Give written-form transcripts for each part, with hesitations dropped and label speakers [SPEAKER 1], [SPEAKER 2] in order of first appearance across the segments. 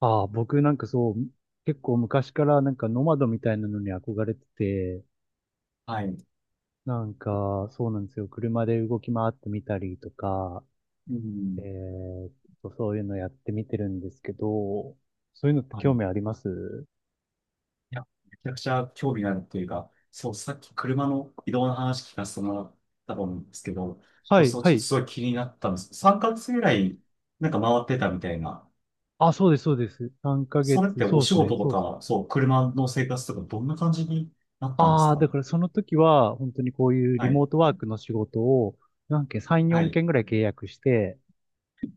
[SPEAKER 1] ああ、僕なんかそう、結構昔からなんかノマドみたいなのに憧れてて、
[SPEAKER 2] はい。
[SPEAKER 1] なんかそうなんですよ。車で動き回ってみたりとか、
[SPEAKER 2] う
[SPEAKER 1] え
[SPEAKER 2] ん。
[SPEAKER 1] ーっそういうのやってみてるんですけど、そういうのって
[SPEAKER 2] はい。
[SPEAKER 1] 興
[SPEAKER 2] い
[SPEAKER 1] 味あります？
[SPEAKER 2] や、めちゃくちゃ興味があるというか、そう、さっき車の移動の話聞かせてもらったと思うんですけど、
[SPEAKER 1] は
[SPEAKER 2] そう
[SPEAKER 1] い、
[SPEAKER 2] そう、ち
[SPEAKER 1] は
[SPEAKER 2] ょっと
[SPEAKER 1] い。
[SPEAKER 2] すごい気になったんです。3ヶ月ぐらい、なんか回ってたみたいな。
[SPEAKER 1] あ、そうです、そうです。3ヶ
[SPEAKER 2] それっ
[SPEAKER 1] 月、
[SPEAKER 2] て
[SPEAKER 1] そ
[SPEAKER 2] お
[SPEAKER 1] うで
[SPEAKER 2] 仕
[SPEAKER 1] すね、
[SPEAKER 2] 事と
[SPEAKER 1] そうです。
[SPEAKER 2] か、そう、車の生活とか、どんな感じになったんです
[SPEAKER 1] ああ、
[SPEAKER 2] か？
[SPEAKER 1] だからその時は本当にこういうリ
[SPEAKER 2] はい。
[SPEAKER 1] モートワークの仕事を何件、3、
[SPEAKER 2] は
[SPEAKER 1] 4
[SPEAKER 2] い。
[SPEAKER 1] 件ぐらい契約して、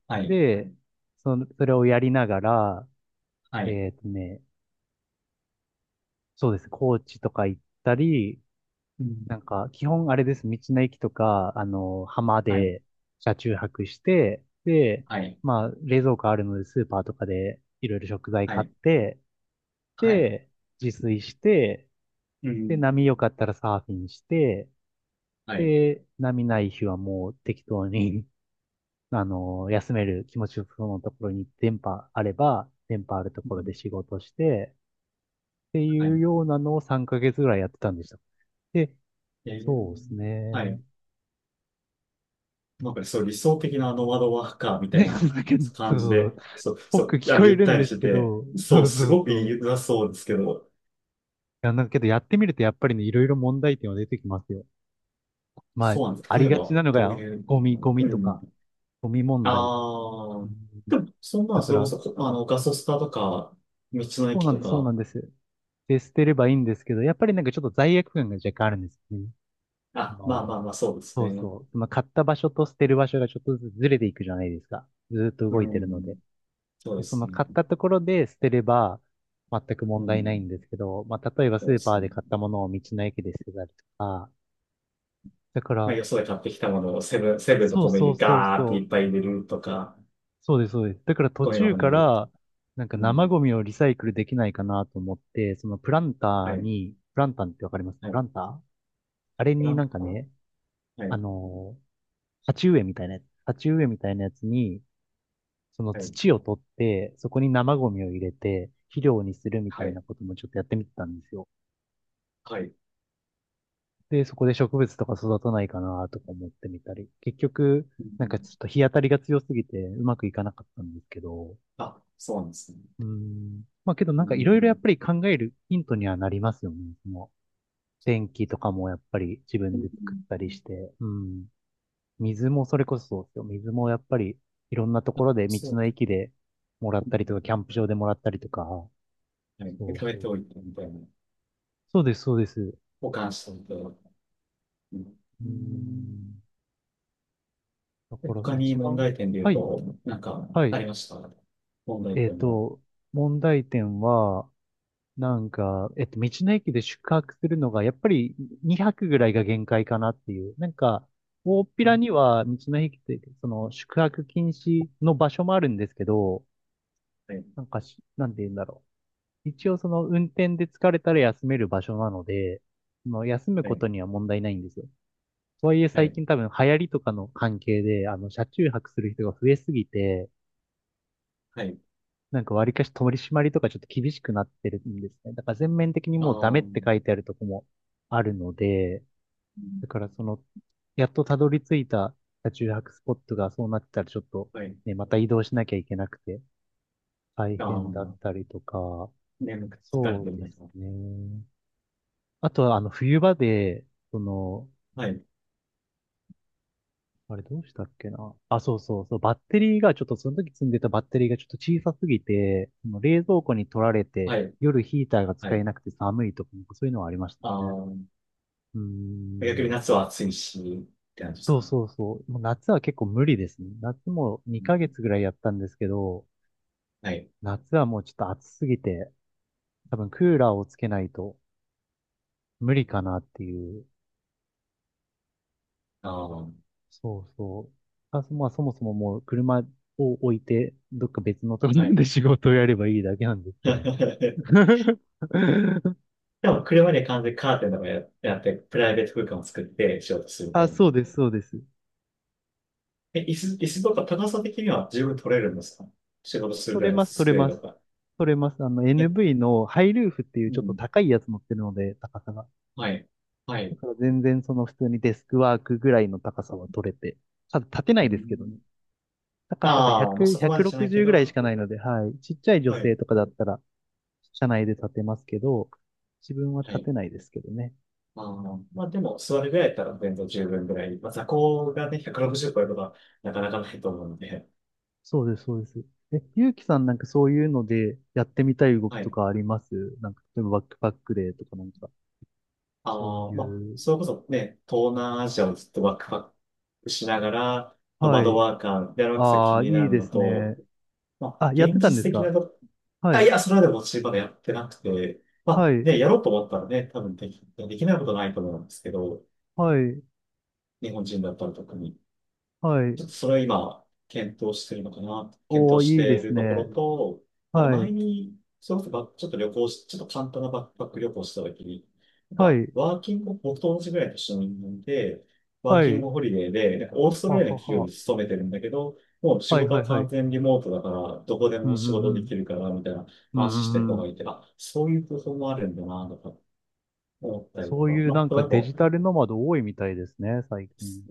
[SPEAKER 2] はい。
[SPEAKER 1] で、その、それをやりながら、
[SPEAKER 2] はい。
[SPEAKER 1] えーっとね、そうです。高知とか行ったり、
[SPEAKER 2] うん。
[SPEAKER 1] なんか、基本あれです。道の駅とか、浜
[SPEAKER 2] はい。
[SPEAKER 1] で車中泊して、で、
[SPEAKER 2] はい。
[SPEAKER 1] まあ、冷蔵庫あるので、スーパーとかでいろいろ食材
[SPEAKER 2] は
[SPEAKER 1] 買っ
[SPEAKER 2] い。
[SPEAKER 1] て、
[SPEAKER 2] はい。
[SPEAKER 1] で、自炊して、
[SPEAKER 2] う
[SPEAKER 1] で、
[SPEAKER 2] ん。
[SPEAKER 1] 波良かったらサーフィンして、
[SPEAKER 2] はい。
[SPEAKER 1] で、波ない日はもう適当に、休める気持ちよそうなところに電波あれば、電波あると
[SPEAKER 2] う
[SPEAKER 1] ころ
[SPEAKER 2] ん。
[SPEAKER 1] で仕事して、って
[SPEAKER 2] は
[SPEAKER 1] いう
[SPEAKER 2] い。
[SPEAKER 1] ようなのを3ヶ月ぐらいやってたんでした。で、
[SPEAKER 2] えー。
[SPEAKER 1] そうです
[SPEAKER 2] はい。
[SPEAKER 1] ね。
[SPEAKER 2] なんかねそう理想的なノマドワーカーみたい
[SPEAKER 1] だ
[SPEAKER 2] な
[SPEAKER 1] けど、
[SPEAKER 2] 感じ
[SPEAKER 1] そう。
[SPEAKER 2] で、そう、そ
[SPEAKER 1] 僕
[SPEAKER 2] う、い
[SPEAKER 1] 聞
[SPEAKER 2] や、
[SPEAKER 1] こ
[SPEAKER 2] ゆ
[SPEAKER 1] え
[SPEAKER 2] っ
[SPEAKER 1] るん
[SPEAKER 2] たり
[SPEAKER 1] で
[SPEAKER 2] し
[SPEAKER 1] す
[SPEAKER 2] て
[SPEAKER 1] け
[SPEAKER 2] て、
[SPEAKER 1] ど、
[SPEAKER 2] そ
[SPEAKER 1] そ
[SPEAKER 2] う、
[SPEAKER 1] う
[SPEAKER 2] す
[SPEAKER 1] そう
[SPEAKER 2] ごくい
[SPEAKER 1] そ
[SPEAKER 2] い
[SPEAKER 1] う。い
[SPEAKER 2] づらそうですけど、
[SPEAKER 1] や、なんかけどやってみるとやっぱりね、いろいろ問題点は出てきますよ。まあ、
[SPEAKER 2] そうなんで
[SPEAKER 1] あ
[SPEAKER 2] す。例
[SPEAKER 1] り
[SPEAKER 2] え
[SPEAKER 1] がち
[SPEAKER 2] ば、
[SPEAKER 1] なの
[SPEAKER 2] どう
[SPEAKER 1] が、
[SPEAKER 2] いう、
[SPEAKER 1] ゴ
[SPEAKER 2] う
[SPEAKER 1] ミと
[SPEAKER 2] ん。
[SPEAKER 1] か、ゴミ問題。
[SPEAKER 2] あ
[SPEAKER 1] う
[SPEAKER 2] あ、
[SPEAKER 1] ん。
[SPEAKER 2] でも、そんな、
[SPEAKER 1] だか
[SPEAKER 2] それこ
[SPEAKER 1] ら、
[SPEAKER 2] そ、あの、ガソスタとか、道の
[SPEAKER 1] そう
[SPEAKER 2] 駅
[SPEAKER 1] なん
[SPEAKER 2] と
[SPEAKER 1] です、そうなん
[SPEAKER 2] か、
[SPEAKER 1] です。で、捨てればいいんですけど、やっぱりなんかちょっと罪悪感が若干あるんですよね。
[SPEAKER 2] あ、
[SPEAKER 1] あ
[SPEAKER 2] まあまあ
[SPEAKER 1] の
[SPEAKER 2] まあ、そうです
[SPEAKER 1] そ
[SPEAKER 2] ね。
[SPEAKER 1] うそう。その買った場所と捨てる場所がちょっとずつずれていくじゃないですか。ずーっと
[SPEAKER 2] う
[SPEAKER 1] 動いてるので。
[SPEAKER 2] ん、そうで
[SPEAKER 1] で、そ
[SPEAKER 2] す
[SPEAKER 1] の
[SPEAKER 2] ね。
[SPEAKER 1] 買ったところで捨てれば全く
[SPEAKER 2] う
[SPEAKER 1] 問題ないん
[SPEAKER 2] ん、
[SPEAKER 1] ですけど、まあ、例えば
[SPEAKER 2] そ
[SPEAKER 1] ス
[SPEAKER 2] うで
[SPEAKER 1] ーパー
[SPEAKER 2] すね。
[SPEAKER 1] で買ったものを道の駅で捨てたりとか、だか
[SPEAKER 2] まあ、
[SPEAKER 1] ら、
[SPEAKER 2] よそで買ってきたものをセブンと
[SPEAKER 1] そう
[SPEAKER 2] コンビニ
[SPEAKER 1] そう
[SPEAKER 2] で
[SPEAKER 1] そう
[SPEAKER 2] ガーっ
[SPEAKER 1] そ
[SPEAKER 2] て
[SPEAKER 1] う、
[SPEAKER 2] いっぱい入れるとか、
[SPEAKER 1] そうです、そうです。だから途
[SPEAKER 2] ゴミ
[SPEAKER 1] 中
[SPEAKER 2] 箱に
[SPEAKER 1] か
[SPEAKER 2] 入れる。
[SPEAKER 1] ら、なんか
[SPEAKER 2] う
[SPEAKER 1] 生
[SPEAKER 2] ん、
[SPEAKER 1] ゴミをリサイクルできないかなと思って、
[SPEAKER 2] はい、
[SPEAKER 1] プランターってわかります？
[SPEAKER 2] は
[SPEAKER 1] プラ
[SPEAKER 2] い。
[SPEAKER 1] ンター？あれ
[SPEAKER 2] グラ
[SPEAKER 1] にな
[SPEAKER 2] ン
[SPEAKER 1] んか
[SPEAKER 2] パ
[SPEAKER 1] ね、
[SPEAKER 2] は
[SPEAKER 1] あ
[SPEAKER 2] い、
[SPEAKER 1] のー鉢植えみたいなやつに、その
[SPEAKER 2] はい、
[SPEAKER 1] 土を取って、そこに生ゴミを入れて、肥料にするみた
[SPEAKER 2] は
[SPEAKER 1] い
[SPEAKER 2] い、
[SPEAKER 1] なこともちょっとやってみてたんですよ。
[SPEAKER 2] はい。
[SPEAKER 1] で、そこで植物とか育たないかなとか思ってみたり、結局、
[SPEAKER 2] う
[SPEAKER 1] なんかち
[SPEAKER 2] ん、
[SPEAKER 1] ょっと日当たりが強すぎてうまくいかなかったんですけど、
[SPEAKER 2] あ、そうなんですね。
[SPEAKER 1] うーん。まあけどなん
[SPEAKER 2] う
[SPEAKER 1] かいろいろやっ
[SPEAKER 2] ん、
[SPEAKER 1] ぱり考えるヒントにはなりますよね。その天気とかもやっぱり自
[SPEAKER 2] う
[SPEAKER 1] 分で
[SPEAKER 2] ん、
[SPEAKER 1] 作ったりして、うん。水もそれこそそうですよ。水もやっぱりいろんなところで道
[SPEAKER 2] そう
[SPEAKER 1] の
[SPEAKER 2] か。
[SPEAKER 1] 駅でもらっ
[SPEAKER 2] う
[SPEAKER 1] たりとか、
[SPEAKER 2] ん、
[SPEAKER 1] キャンプ場でもらったりとか、
[SPEAKER 2] はい。で、
[SPEAKER 1] そう
[SPEAKER 2] 貯め
[SPEAKER 1] そ
[SPEAKER 2] て
[SPEAKER 1] う。
[SPEAKER 2] おいてみたいな。
[SPEAKER 1] そうです、そうです。う
[SPEAKER 2] 保管しておいて。うん、
[SPEAKER 1] ー
[SPEAKER 2] うん
[SPEAKER 1] ん。だ
[SPEAKER 2] で
[SPEAKER 1] から
[SPEAKER 2] 他に
[SPEAKER 1] 一
[SPEAKER 2] 問
[SPEAKER 1] 番、
[SPEAKER 2] 題点で言
[SPEAKER 1] は
[SPEAKER 2] う
[SPEAKER 1] い、
[SPEAKER 2] と、なんか
[SPEAKER 1] は
[SPEAKER 2] あ
[SPEAKER 1] い。
[SPEAKER 2] りました？問題
[SPEAKER 1] えっ
[SPEAKER 2] 点は。
[SPEAKER 1] と、問題点は、道の駅で宿泊するのが、やっぱり2泊ぐらいが限界かなっていう。なんか、大っぴ
[SPEAKER 2] う
[SPEAKER 1] ら
[SPEAKER 2] ん、
[SPEAKER 1] には道の駅って、その宿泊禁止の場所もあるんですけど、
[SPEAKER 2] はい、
[SPEAKER 1] なんかし、なんて言うんだろう。一応その運転で疲れたら休める場所なので、その休む
[SPEAKER 2] は
[SPEAKER 1] こ
[SPEAKER 2] い、
[SPEAKER 1] とには問題ないんですよ。とはいえ
[SPEAKER 2] は
[SPEAKER 1] 最
[SPEAKER 2] い、
[SPEAKER 1] 近多分流行りとかの関係で、車中泊する人が増えすぎて、
[SPEAKER 2] はい。
[SPEAKER 1] なんか割りかし取り締まりとかちょっと厳しくなってるんですね。だから全面的に
[SPEAKER 2] あ
[SPEAKER 1] もうダメっ
[SPEAKER 2] ー、う
[SPEAKER 1] て書いてあるとこもあるので、
[SPEAKER 2] ん
[SPEAKER 1] だからその、やっとたどり着いた車中泊スポットがそうなってたらちょっと
[SPEAKER 2] はい。
[SPEAKER 1] ね、また移動しなきゃいけなくて大
[SPEAKER 2] あ
[SPEAKER 1] 変
[SPEAKER 2] ー、
[SPEAKER 1] だったりとか、
[SPEAKER 2] 眠くて疲れ
[SPEAKER 1] そ
[SPEAKER 2] て
[SPEAKER 1] う
[SPEAKER 2] る
[SPEAKER 1] で
[SPEAKER 2] な
[SPEAKER 1] す
[SPEAKER 2] と。
[SPEAKER 1] ね。あとはあの冬場で、その、
[SPEAKER 2] はい、
[SPEAKER 1] あれどうしたっけな。あ、そうそうそう。バッテリーがちょっとその時積んでたバッテリーがちょっと小さすぎて、その冷蔵庫に取られて、
[SPEAKER 2] はい、
[SPEAKER 1] 夜ヒーターが
[SPEAKER 2] は
[SPEAKER 1] 使え
[SPEAKER 2] い。
[SPEAKER 1] なくて寒いとか、なんかそういうのはありまし
[SPEAKER 2] あ
[SPEAKER 1] たね。
[SPEAKER 2] ー、
[SPEAKER 1] うー
[SPEAKER 2] 逆に
[SPEAKER 1] ん。
[SPEAKER 2] 夏は暑いし、って感じです
[SPEAKER 1] そう
[SPEAKER 2] かね。
[SPEAKER 1] そうそう。もう夏は結構無理ですね。夏も
[SPEAKER 2] う
[SPEAKER 1] 2ヶ
[SPEAKER 2] ん
[SPEAKER 1] 月ぐらいやったんですけど、
[SPEAKER 2] はい。
[SPEAKER 1] 夏はもうちょっと暑すぎて、多分クーラーをつけないと無理かなっていう。
[SPEAKER 2] ああ、
[SPEAKER 1] そうそう。あ、そまあそもそももう車を置いて、どっか別のとこ
[SPEAKER 2] は
[SPEAKER 1] ろ
[SPEAKER 2] い。
[SPEAKER 1] で仕事をやればいいだけなんですけどね。
[SPEAKER 2] でも車で完全にカーテンとかや、やって、プライベート空間を作って仕事するみた
[SPEAKER 1] あ、
[SPEAKER 2] いな。
[SPEAKER 1] そうです、そうです。
[SPEAKER 2] え、椅子とか高さ的には十分取れるんですか？仕事する
[SPEAKER 1] 取
[SPEAKER 2] ぐ
[SPEAKER 1] れ
[SPEAKER 2] らいの
[SPEAKER 1] ます、取れ
[SPEAKER 2] 机
[SPEAKER 1] ま
[SPEAKER 2] と
[SPEAKER 1] す。
[SPEAKER 2] か。
[SPEAKER 1] 取れます。あの、
[SPEAKER 2] え、
[SPEAKER 1] NV のハイルーフっていう
[SPEAKER 2] う
[SPEAKER 1] ちょっと
[SPEAKER 2] ん。
[SPEAKER 1] 高いやつ乗ってるので、高さが。
[SPEAKER 2] はい。は
[SPEAKER 1] だ
[SPEAKER 2] い。
[SPEAKER 1] から全然その普通にデスクワークぐらいの高さは取れて。ただ立てな
[SPEAKER 2] う
[SPEAKER 1] いですけどね。
[SPEAKER 2] ん、
[SPEAKER 1] 高さが
[SPEAKER 2] ああ、まあ
[SPEAKER 1] 100、
[SPEAKER 2] そこまでじゃないけ
[SPEAKER 1] 160ぐらいし
[SPEAKER 2] ど、
[SPEAKER 1] かないので、はい。ちっちゃい女
[SPEAKER 2] は
[SPEAKER 1] 性
[SPEAKER 2] い。
[SPEAKER 1] とかだったら、車内で立てますけど、自分は
[SPEAKER 2] は
[SPEAKER 1] 立
[SPEAKER 2] い。
[SPEAKER 1] てないですけどね。
[SPEAKER 2] あーまあでも座るぐらいだったら全然十分ぐらい。まあ座高がね、160超えることはなかなかないと思うので。
[SPEAKER 1] そうです、そうです。え、ゆうきさんなんかそういうのでやってみたい動き
[SPEAKER 2] は
[SPEAKER 1] と
[SPEAKER 2] い。
[SPEAKER 1] かあります？なんか、例えばバックパックでとかなんか。そう
[SPEAKER 2] ああ、まあ、
[SPEAKER 1] いう、
[SPEAKER 2] それこそね、東南アジアをずっとバックワックしながら、ノマ
[SPEAKER 1] は
[SPEAKER 2] ド
[SPEAKER 1] い。
[SPEAKER 2] ワーカーでやるわけが
[SPEAKER 1] あ
[SPEAKER 2] 気
[SPEAKER 1] あ、
[SPEAKER 2] にな
[SPEAKER 1] いい
[SPEAKER 2] る
[SPEAKER 1] で
[SPEAKER 2] の
[SPEAKER 1] すね。
[SPEAKER 2] と、まあ、
[SPEAKER 1] あ、やって
[SPEAKER 2] 現
[SPEAKER 1] たんで
[SPEAKER 2] 実
[SPEAKER 1] す
[SPEAKER 2] 的
[SPEAKER 1] か？
[SPEAKER 2] なと、
[SPEAKER 1] は
[SPEAKER 2] あ、い
[SPEAKER 1] い。
[SPEAKER 2] や、それはでも私まだやってなくて、ま
[SPEAKER 1] は
[SPEAKER 2] あ、
[SPEAKER 1] い。
[SPEAKER 2] ね、やろうと思ったらね、多分でき、できないことないと思うんですけど、
[SPEAKER 1] はい。
[SPEAKER 2] 日本人だったら特に。
[SPEAKER 1] は
[SPEAKER 2] ち
[SPEAKER 1] い。
[SPEAKER 2] ょっとそれを今、検討してるのかな、検
[SPEAKER 1] おー、
[SPEAKER 2] 討し
[SPEAKER 1] いいで
[SPEAKER 2] てい
[SPEAKER 1] す
[SPEAKER 2] るとこ
[SPEAKER 1] ね。
[SPEAKER 2] ろと、なんか
[SPEAKER 1] はい。
[SPEAKER 2] 前に、それこそばちょっと旅行し、ちょっと簡単なバックパック旅行したときに、なん
[SPEAKER 1] は
[SPEAKER 2] か、
[SPEAKER 1] い。
[SPEAKER 2] ワーキング、僕と同じぐらいの年の人間で、ワー
[SPEAKER 1] は
[SPEAKER 2] キン
[SPEAKER 1] い。
[SPEAKER 2] グホリデーで、なんかオースト
[SPEAKER 1] は
[SPEAKER 2] ラリア
[SPEAKER 1] は
[SPEAKER 2] の企業
[SPEAKER 1] は。
[SPEAKER 2] に勤めてるんだけど、もう仕
[SPEAKER 1] はい。
[SPEAKER 2] 事
[SPEAKER 1] はい。
[SPEAKER 2] は
[SPEAKER 1] は
[SPEAKER 2] 完
[SPEAKER 1] い。
[SPEAKER 2] 全リモートだから、どこで
[SPEAKER 1] うん
[SPEAKER 2] も
[SPEAKER 1] う
[SPEAKER 2] 仕事
[SPEAKER 1] んう
[SPEAKER 2] でき
[SPEAKER 1] ん。
[SPEAKER 2] るから、みたいな
[SPEAKER 1] うん
[SPEAKER 2] 話し
[SPEAKER 1] う
[SPEAKER 2] てる人
[SPEAKER 1] んう
[SPEAKER 2] がい
[SPEAKER 1] ん。
[SPEAKER 2] て、あ、そういう方法もあるんだな、とか思ったりと
[SPEAKER 1] そう
[SPEAKER 2] か、
[SPEAKER 1] いうな
[SPEAKER 2] ま
[SPEAKER 1] ん
[SPEAKER 2] あ、例
[SPEAKER 1] か
[SPEAKER 2] え
[SPEAKER 1] デ
[SPEAKER 2] ば。
[SPEAKER 1] ジタルノマド多いみたいですね、最近。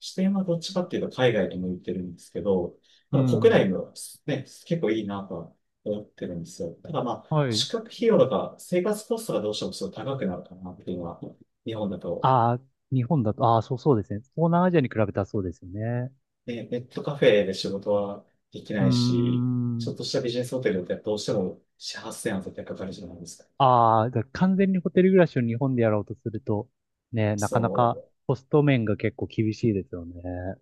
[SPEAKER 2] 視点はどっちかっていうと海外に向いてるんですけど、
[SPEAKER 1] う
[SPEAKER 2] まあ、国
[SPEAKER 1] ん。
[SPEAKER 2] 内もね、結構いいなとは思ってるんですよ。ただまあ、
[SPEAKER 1] はい。
[SPEAKER 2] 宿泊費用とか生活コストがどうしてもすごい高くなるかなっていうのは、日本だと、
[SPEAKER 1] ああ、日本だと、ああ、そうそうですね。東南アジアに比べたらそうですよね。
[SPEAKER 2] ね、ネットカフェで仕事はでき
[SPEAKER 1] うー
[SPEAKER 2] ないし、ちょっ
[SPEAKER 1] ん。
[SPEAKER 2] としたビジネスホテルだってどうしても4、8000円は絶対かかるじゃないですか。
[SPEAKER 1] ああ、だから完全にホテル暮らしを日本でやろうとすると、ね、なかな
[SPEAKER 2] そ
[SPEAKER 1] か
[SPEAKER 2] う。
[SPEAKER 1] コスト面が結構厳しいですよね。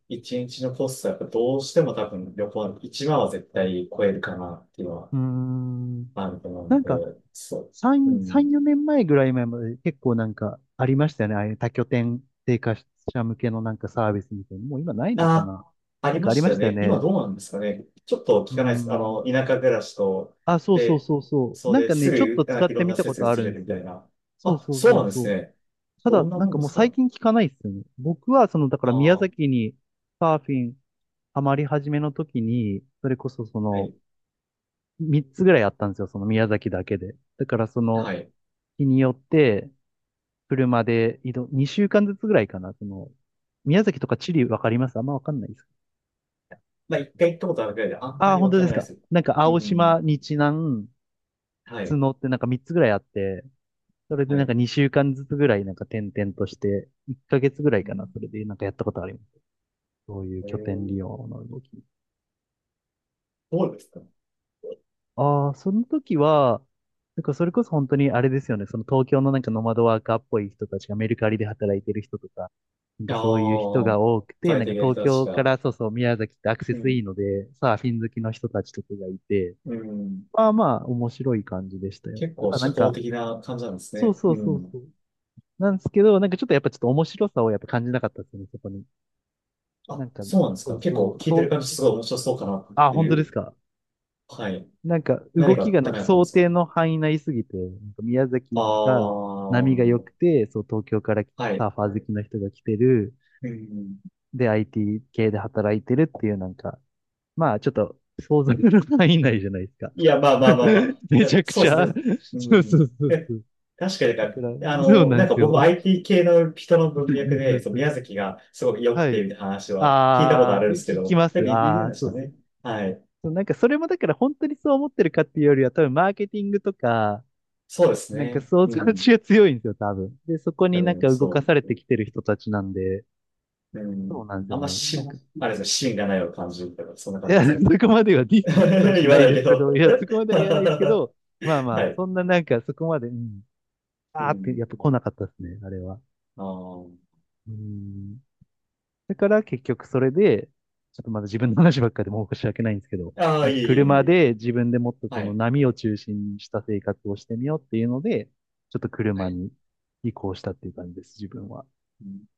[SPEAKER 2] 一日のコストはやっぱどうしても多分旅行は1万は絶対超えるかなっていうのは
[SPEAKER 1] うーん。
[SPEAKER 2] あると思うん
[SPEAKER 1] な
[SPEAKER 2] で、
[SPEAKER 1] ん
[SPEAKER 2] そう。う
[SPEAKER 1] か、3、3、
[SPEAKER 2] ん。
[SPEAKER 1] 4年前ぐらい前まで結構なんかありましたよね。ああいう多拠点生活者向けのなんかサービスみたいな。もう今ないのか
[SPEAKER 2] あ、
[SPEAKER 1] な？
[SPEAKER 2] あ
[SPEAKER 1] なん
[SPEAKER 2] り
[SPEAKER 1] か
[SPEAKER 2] ま
[SPEAKER 1] あり
[SPEAKER 2] し
[SPEAKER 1] ま
[SPEAKER 2] た
[SPEAKER 1] し
[SPEAKER 2] よ
[SPEAKER 1] たよ
[SPEAKER 2] ね。今
[SPEAKER 1] ね。
[SPEAKER 2] どうなんですかね。ちょっと
[SPEAKER 1] う
[SPEAKER 2] 聞
[SPEAKER 1] ー
[SPEAKER 2] かないです。あの、
[SPEAKER 1] ん。
[SPEAKER 2] 田舎暮らしと、
[SPEAKER 1] あ、そうそう
[SPEAKER 2] で、
[SPEAKER 1] そうそう。
[SPEAKER 2] そう
[SPEAKER 1] なん
[SPEAKER 2] で
[SPEAKER 1] か
[SPEAKER 2] す
[SPEAKER 1] ね、ちょっと
[SPEAKER 2] ぐ、あ、
[SPEAKER 1] 使っ
[SPEAKER 2] い
[SPEAKER 1] て
[SPEAKER 2] ろん
[SPEAKER 1] み
[SPEAKER 2] な
[SPEAKER 1] た
[SPEAKER 2] 施
[SPEAKER 1] ことあ
[SPEAKER 2] 設移
[SPEAKER 1] る
[SPEAKER 2] れ
[SPEAKER 1] んで
[SPEAKER 2] るみ
[SPEAKER 1] す
[SPEAKER 2] た
[SPEAKER 1] よ。
[SPEAKER 2] いな。
[SPEAKER 1] そう
[SPEAKER 2] あ、
[SPEAKER 1] そう
[SPEAKER 2] そう
[SPEAKER 1] そ
[SPEAKER 2] な
[SPEAKER 1] う
[SPEAKER 2] んで
[SPEAKER 1] そ
[SPEAKER 2] す
[SPEAKER 1] う。
[SPEAKER 2] ね。
[SPEAKER 1] た
[SPEAKER 2] ど
[SPEAKER 1] だ、
[SPEAKER 2] んな
[SPEAKER 1] なん
[SPEAKER 2] もん
[SPEAKER 1] か
[SPEAKER 2] で
[SPEAKER 1] もう
[SPEAKER 2] す
[SPEAKER 1] 最
[SPEAKER 2] か？
[SPEAKER 1] 近聞かないですよね。僕は、その、だか
[SPEAKER 2] あ
[SPEAKER 1] ら宮
[SPEAKER 2] あ、
[SPEAKER 1] 崎にサーフィンハマり始めの時に、それこそそ
[SPEAKER 2] は
[SPEAKER 1] の、
[SPEAKER 2] い。
[SPEAKER 1] 3つぐらいあったんですよ、その宮崎だけで。だからその、
[SPEAKER 2] はい。
[SPEAKER 1] 日によって、車で移動、2週間ずつぐらいかな、その、宮崎とか地理わかります？あんまわかんないです。
[SPEAKER 2] まあ、一回行ったことあるくらいで、あん
[SPEAKER 1] あ
[SPEAKER 2] ま
[SPEAKER 1] あ、
[SPEAKER 2] り
[SPEAKER 1] 本
[SPEAKER 2] わ
[SPEAKER 1] 当
[SPEAKER 2] か
[SPEAKER 1] で
[SPEAKER 2] ら
[SPEAKER 1] す
[SPEAKER 2] ないで
[SPEAKER 1] か。
[SPEAKER 2] す。
[SPEAKER 1] なんか
[SPEAKER 2] う
[SPEAKER 1] 青島、
[SPEAKER 2] ん。
[SPEAKER 1] 日南、
[SPEAKER 2] はい。
[SPEAKER 1] 角ってなんか3つぐらいあって、それで
[SPEAKER 2] は
[SPEAKER 1] なんか
[SPEAKER 2] い。
[SPEAKER 1] 2週間ずつぐらいなんか転々として、1ヶ月ぐらい
[SPEAKER 2] う
[SPEAKER 1] かな、
[SPEAKER 2] ん
[SPEAKER 1] それでなんかやったことあります。そういう
[SPEAKER 2] え
[SPEAKER 1] 拠点利
[SPEAKER 2] ー、
[SPEAKER 1] 用の動き。
[SPEAKER 2] どうですか？
[SPEAKER 1] ああ、その時は、なんかそれこそ本当にあれですよね。その東京のなんかノマドワーカーっぽい人たちがメルカリで働いてる人とか、なん
[SPEAKER 2] あ
[SPEAKER 1] かそういう人
[SPEAKER 2] あ
[SPEAKER 1] が
[SPEAKER 2] ー、
[SPEAKER 1] 多くて、な
[SPEAKER 2] 最
[SPEAKER 1] んか
[SPEAKER 2] 適な
[SPEAKER 1] 東
[SPEAKER 2] 人たち
[SPEAKER 1] 京か
[SPEAKER 2] が。
[SPEAKER 1] らそうそう宮崎ってアクセ
[SPEAKER 2] う
[SPEAKER 1] スいい
[SPEAKER 2] ん。
[SPEAKER 1] ので、サーフィン好きの人たちとかがいて、
[SPEAKER 2] うん。
[SPEAKER 1] まあまあ面白い感じでしたよ。
[SPEAKER 2] 結構
[SPEAKER 1] ただな
[SPEAKER 2] 社
[SPEAKER 1] ん
[SPEAKER 2] 交
[SPEAKER 1] か、
[SPEAKER 2] 的な感じなんです
[SPEAKER 1] そう
[SPEAKER 2] ね。
[SPEAKER 1] そう
[SPEAKER 2] う
[SPEAKER 1] そうそ
[SPEAKER 2] ん。
[SPEAKER 1] う。なんですけど、なんかちょっとやっぱちょっと面白さをやっぱ感じなかったですよね、そこに。なん
[SPEAKER 2] あ、
[SPEAKER 1] か、
[SPEAKER 2] そうなんです
[SPEAKER 1] そ
[SPEAKER 2] か？
[SPEAKER 1] う
[SPEAKER 2] 結
[SPEAKER 1] そ
[SPEAKER 2] 構
[SPEAKER 1] う、
[SPEAKER 2] 聞いてる
[SPEAKER 1] そ
[SPEAKER 2] 感じ
[SPEAKER 1] う、
[SPEAKER 2] すごい面白そうかなっ
[SPEAKER 1] あ、
[SPEAKER 2] て
[SPEAKER 1] 本
[SPEAKER 2] い
[SPEAKER 1] 当です
[SPEAKER 2] う。
[SPEAKER 1] か。
[SPEAKER 2] はい。
[SPEAKER 1] なんか動
[SPEAKER 2] 何が
[SPEAKER 1] きがなん
[SPEAKER 2] ダメ
[SPEAKER 1] か
[SPEAKER 2] だったんで
[SPEAKER 1] 想
[SPEAKER 2] すか
[SPEAKER 1] 定
[SPEAKER 2] ね。
[SPEAKER 1] の範囲内すぎて、なんか宮
[SPEAKER 2] あ
[SPEAKER 1] 崎
[SPEAKER 2] あ、
[SPEAKER 1] が波が良く
[SPEAKER 2] は
[SPEAKER 1] て、そう東京からサ
[SPEAKER 2] い。
[SPEAKER 1] ーファー好きの人が来てる、
[SPEAKER 2] うん。
[SPEAKER 1] で IT 系で働いてるっていうなんか、まあちょっと想像の範囲内じゃないですか。
[SPEAKER 2] いや、まあまあまあまあ。
[SPEAKER 1] め
[SPEAKER 2] い
[SPEAKER 1] ち
[SPEAKER 2] や
[SPEAKER 1] ゃく
[SPEAKER 2] そ
[SPEAKER 1] ち
[SPEAKER 2] うで
[SPEAKER 1] ゃ。
[SPEAKER 2] すね。う
[SPEAKER 1] そうそう
[SPEAKER 2] ん。
[SPEAKER 1] そう
[SPEAKER 2] え、
[SPEAKER 1] そう。
[SPEAKER 2] 確かに
[SPEAKER 1] だ
[SPEAKER 2] なん
[SPEAKER 1] か
[SPEAKER 2] か、
[SPEAKER 1] ら、
[SPEAKER 2] あ
[SPEAKER 1] そう
[SPEAKER 2] の、
[SPEAKER 1] な
[SPEAKER 2] な
[SPEAKER 1] ん
[SPEAKER 2] ん
[SPEAKER 1] で
[SPEAKER 2] か
[SPEAKER 1] す
[SPEAKER 2] 僕も
[SPEAKER 1] よ。
[SPEAKER 2] IT 系の人の文脈で、そう、宮崎がすごく良く
[SPEAKER 1] は
[SPEAKER 2] て、
[SPEAKER 1] い。
[SPEAKER 2] みたいな話は聞いたことあ
[SPEAKER 1] ああ、
[SPEAKER 2] るんですけ
[SPEAKER 1] 聞き
[SPEAKER 2] ど、
[SPEAKER 1] ま
[SPEAKER 2] なん
[SPEAKER 1] す。
[SPEAKER 2] か言ってる
[SPEAKER 1] あ
[SPEAKER 2] ん
[SPEAKER 1] あ、
[SPEAKER 2] でし
[SPEAKER 1] そ
[SPEAKER 2] ょう
[SPEAKER 1] うそ
[SPEAKER 2] ね。
[SPEAKER 1] う。
[SPEAKER 2] はい。
[SPEAKER 1] そうなんかそれもだから本当にそう思ってるかっていうよりは多分マーケティングとか、
[SPEAKER 2] そうです
[SPEAKER 1] なんか
[SPEAKER 2] ね。
[SPEAKER 1] 想
[SPEAKER 2] う
[SPEAKER 1] 像力
[SPEAKER 2] ん。
[SPEAKER 1] が強いんですよ、多分。で、そこ
[SPEAKER 2] 多
[SPEAKER 1] になん
[SPEAKER 2] 分、
[SPEAKER 1] か動か
[SPEAKER 2] そ
[SPEAKER 1] されてきてる人たちなんで、
[SPEAKER 2] う。う
[SPEAKER 1] そう
[SPEAKER 2] ん。
[SPEAKER 1] なんです
[SPEAKER 2] あ
[SPEAKER 1] よ
[SPEAKER 2] んま
[SPEAKER 1] ね。なん
[SPEAKER 2] し、
[SPEAKER 1] か、
[SPEAKER 2] あれですね、芯がないような感じとか、そんな
[SPEAKER 1] い
[SPEAKER 2] 感
[SPEAKER 1] や、
[SPEAKER 2] じです？
[SPEAKER 1] そこまではディ ス、ディスはし
[SPEAKER 2] 言
[SPEAKER 1] な
[SPEAKER 2] わな
[SPEAKER 1] い
[SPEAKER 2] い
[SPEAKER 1] で
[SPEAKER 2] け
[SPEAKER 1] すけ
[SPEAKER 2] ど
[SPEAKER 1] ど、いや、そこま では言わないですけ
[SPEAKER 2] は
[SPEAKER 1] ど、まあまあ、
[SPEAKER 2] い。
[SPEAKER 1] そんななんかそこまで、うん、
[SPEAKER 2] う
[SPEAKER 1] あーって
[SPEAKER 2] ん。
[SPEAKER 1] やっぱ来なかったですね、あれは。
[SPEAKER 2] あ
[SPEAKER 1] うん。だから結局それで、ちょっとまだ自分の話ばっかりでもう申し訳ないんですけど、
[SPEAKER 2] あ。ああ、
[SPEAKER 1] なん
[SPEAKER 2] い
[SPEAKER 1] か
[SPEAKER 2] えいえい
[SPEAKER 1] 車
[SPEAKER 2] え。
[SPEAKER 1] で自分でもっと
[SPEAKER 2] は
[SPEAKER 1] この
[SPEAKER 2] い。
[SPEAKER 1] 波を中心にした生活をしてみようっていうので、ちょっと
[SPEAKER 2] は
[SPEAKER 1] 車
[SPEAKER 2] い。
[SPEAKER 1] に移行したっていう感じです、自分は。
[SPEAKER 2] うん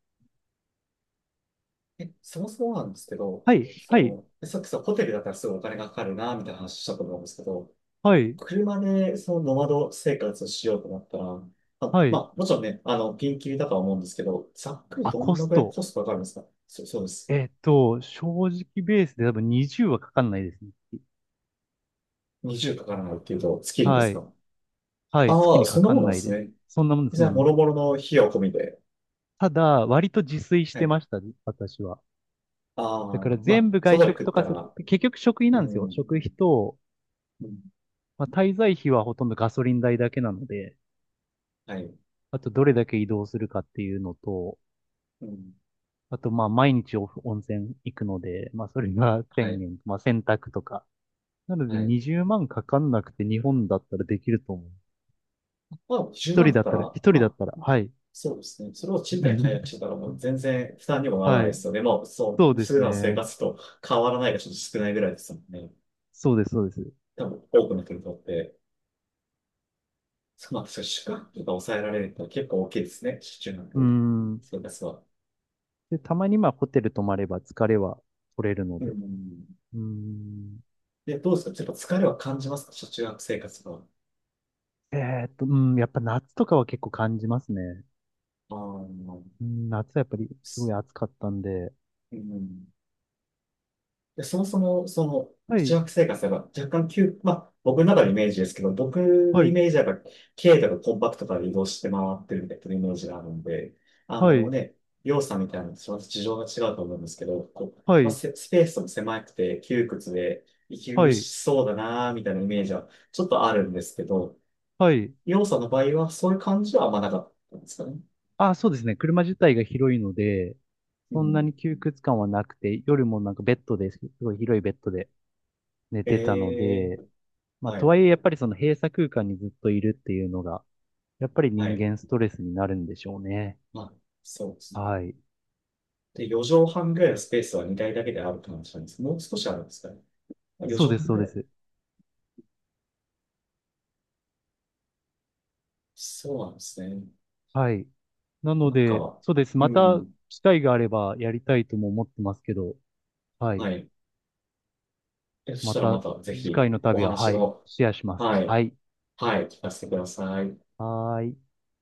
[SPEAKER 2] え、そもそもなんですけど、
[SPEAKER 1] はい、はい。
[SPEAKER 2] その、さっきさ、ホテルだったらすごいお金がかかるな、みたいな話したと思うんですけど、
[SPEAKER 1] はい、
[SPEAKER 2] 車でそのノマド生活をしようと思ったら、あ、
[SPEAKER 1] は
[SPEAKER 2] ま
[SPEAKER 1] い。
[SPEAKER 2] あ、もちろんね、あの、ピンキリだとは思うんですけど、ざっくり
[SPEAKER 1] あ、
[SPEAKER 2] どん
[SPEAKER 1] コ
[SPEAKER 2] な
[SPEAKER 1] ス
[SPEAKER 2] ぐらい
[SPEAKER 1] ト。
[SPEAKER 2] コストかかるんですか？そ、そうです。
[SPEAKER 1] えっと、正直ベースで多分20はかかんないですね。
[SPEAKER 2] 20かからないっていうと、月にで
[SPEAKER 1] は
[SPEAKER 2] すか？
[SPEAKER 1] い。はい。月
[SPEAKER 2] ああ、
[SPEAKER 1] に
[SPEAKER 2] そ
[SPEAKER 1] か
[SPEAKER 2] んな
[SPEAKER 1] か
[SPEAKER 2] もん
[SPEAKER 1] ん
[SPEAKER 2] なん
[SPEAKER 1] な
[SPEAKER 2] で
[SPEAKER 1] い
[SPEAKER 2] す
[SPEAKER 1] です。
[SPEAKER 2] ね。
[SPEAKER 1] そんなもんです、そ
[SPEAKER 2] じ
[SPEAKER 1] ん
[SPEAKER 2] ゃ
[SPEAKER 1] な
[SPEAKER 2] あ、
[SPEAKER 1] も
[SPEAKER 2] も
[SPEAKER 1] んで
[SPEAKER 2] ろ
[SPEAKER 1] す。
[SPEAKER 2] もろの費用込みで。
[SPEAKER 1] ただ、割と自炊し
[SPEAKER 2] は
[SPEAKER 1] て
[SPEAKER 2] い
[SPEAKER 1] ましたね、私は。
[SPEAKER 2] あ
[SPEAKER 1] だか
[SPEAKER 2] あ、
[SPEAKER 1] ら
[SPEAKER 2] ま
[SPEAKER 1] 全
[SPEAKER 2] あ、
[SPEAKER 1] 部
[SPEAKER 2] そ
[SPEAKER 1] 外
[SPEAKER 2] ばで
[SPEAKER 1] 食
[SPEAKER 2] 食っ
[SPEAKER 1] とか
[SPEAKER 2] た
[SPEAKER 1] する、
[SPEAKER 2] ら、
[SPEAKER 1] 結局食費
[SPEAKER 2] う
[SPEAKER 1] なんですよ。
[SPEAKER 2] ん、
[SPEAKER 1] 食費と、
[SPEAKER 2] うん、
[SPEAKER 1] まあ、滞在費はほとんどガソリン代だけなので、
[SPEAKER 2] はい、
[SPEAKER 1] あとどれだけ移動するかっていうのと、
[SPEAKER 2] うん、
[SPEAKER 1] あとまあ毎日お温泉行くので、まあそれが 1
[SPEAKER 2] は
[SPEAKER 1] 0
[SPEAKER 2] い、
[SPEAKER 1] 0まあ洗濯とか、なので
[SPEAKER 2] はい。
[SPEAKER 1] 20万かかんなくて日本だったらできると思う。
[SPEAKER 2] まあ、10
[SPEAKER 1] 一
[SPEAKER 2] 万
[SPEAKER 1] 人
[SPEAKER 2] だっ
[SPEAKER 1] だっ
[SPEAKER 2] た
[SPEAKER 1] たら、一
[SPEAKER 2] ら、
[SPEAKER 1] 人
[SPEAKER 2] ま
[SPEAKER 1] だっ
[SPEAKER 2] あ、
[SPEAKER 1] たら、はい。
[SPEAKER 2] そうですね。それを賃貸解約してた ら、もう全然負担にもならな
[SPEAKER 1] は
[SPEAKER 2] いで
[SPEAKER 1] い。
[SPEAKER 2] すよね。まあ、そ
[SPEAKER 1] そう
[SPEAKER 2] う、
[SPEAKER 1] で
[SPEAKER 2] 普
[SPEAKER 1] す
[SPEAKER 2] 段の生
[SPEAKER 1] ね。
[SPEAKER 2] 活と変わらないがちょっと少ないぐらいですもんね。
[SPEAKER 1] そうです、そうです。う
[SPEAKER 2] 多分、多くの人にとって、まあ、そう宿泊とか抑えられると結構大きいですね。中
[SPEAKER 1] ー
[SPEAKER 2] 学
[SPEAKER 1] ん。
[SPEAKER 2] 生活は。
[SPEAKER 1] で、たまにまあホテル泊まれば疲れは取れるの
[SPEAKER 2] う
[SPEAKER 1] で。う
[SPEAKER 2] ん。
[SPEAKER 1] ーん。
[SPEAKER 2] で、どうですか？ちょっと疲れは感じますか？中学生活は。
[SPEAKER 1] えうん、やっぱ夏とかは結構感じますね。
[SPEAKER 2] ああ、う
[SPEAKER 1] うん、夏はやっぱりすごい暑かったんで。
[SPEAKER 2] ん。で、そもそも、その、
[SPEAKER 1] は
[SPEAKER 2] 中
[SPEAKER 1] い、
[SPEAKER 2] 学生活が若干急、まあ、僕の中のイメージですけど、僕の
[SPEAKER 1] はい、
[SPEAKER 2] イメージはやっぱ、軽とかコンパクトから移動して回ってるみたいなイメージがあるんで、あ
[SPEAKER 1] は
[SPEAKER 2] の
[SPEAKER 1] い、
[SPEAKER 2] ね、要素みたいなのと事情が違うと思うんですけど、こう、
[SPEAKER 1] は
[SPEAKER 2] まあ、
[SPEAKER 1] い、
[SPEAKER 2] せスペースも狭くて窮屈で、息
[SPEAKER 1] は
[SPEAKER 2] 苦
[SPEAKER 1] い、
[SPEAKER 2] しそうだなーみたいなイメージはちょっとあるんですけど、
[SPEAKER 1] はい。
[SPEAKER 2] 要素の場合はそういう感じはあんまなかったんですかね。
[SPEAKER 1] あ、そうですね。車自体が広いので、
[SPEAKER 2] う
[SPEAKER 1] そんなに
[SPEAKER 2] ん。
[SPEAKER 1] 窮屈感はなくて、夜もなんかベッドです。すごい広いベッドで寝てたの
[SPEAKER 2] ええ
[SPEAKER 1] で、まあ、
[SPEAKER 2] は
[SPEAKER 1] とは
[SPEAKER 2] い、
[SPEAKER 1] いえやっぱりその閉鎖空間にずっといるっていうのが、やっぱり
[SPEAKER 2] は
[SPEAKER 1] 人
[SPEAKER 2] い。
[SPEAKER 1] 間ストレスになるんでしょうね。
[SPEAKER 2] まあ、そうですね。
[SPEAKER 1] はい。
[SPEAKER 2] で、4畳半ぐらいのスペースは2台だけであるって話なんです。もう少しあるんですかね。あ4
[SPEAKER 1] そう
[SPEAKER 2] 畳
[SPEAKER 1] です、
[SPEAKER 2] 半ぐ
[SPEAKER 1] そうで
[SPEAKER 2] らい。
[SPEAKER 1] す。
[SPEAKER 2] そうなんですね。
[SPEAKER 1] はい。なの
[SPEAKER 2] なん
[SPEAKER 1] で、
[SPEAKER 2] か、
[SPEAKER 1] そうです。
[SPEAKER 2] う
[SPEAKER 1] また
[SPEAKER 2] ん。
[SPEAKER 1] 機会があればやりたいとも思ってますけど、は
[SPEAKER 2] は
[SPEAKER 1] い。
[SPEAKER 2] い。えそし
[SPEAKER 1] ま
[SPEAKER 2] たら
[SPEAKER 1] た
[SPEAKER 2] またぜ
[SPEAKER 1] 次回
[SPEAKER 2] ひ
[SPEAKER 1] の
[SPEAKER 2] お
[SPEAKER 1] 旅は、
[SPEAKER 2] 話
[SPEAKER 1] はい、
[SPEAKER 2] を、
[SPEAKER 1] シェアします。
[SPEAKER 2] はい。
[SPEAKER 1] はい。
[SPEAKER 2] はい。聞かせてください。
[SPEAKER 1] はーい。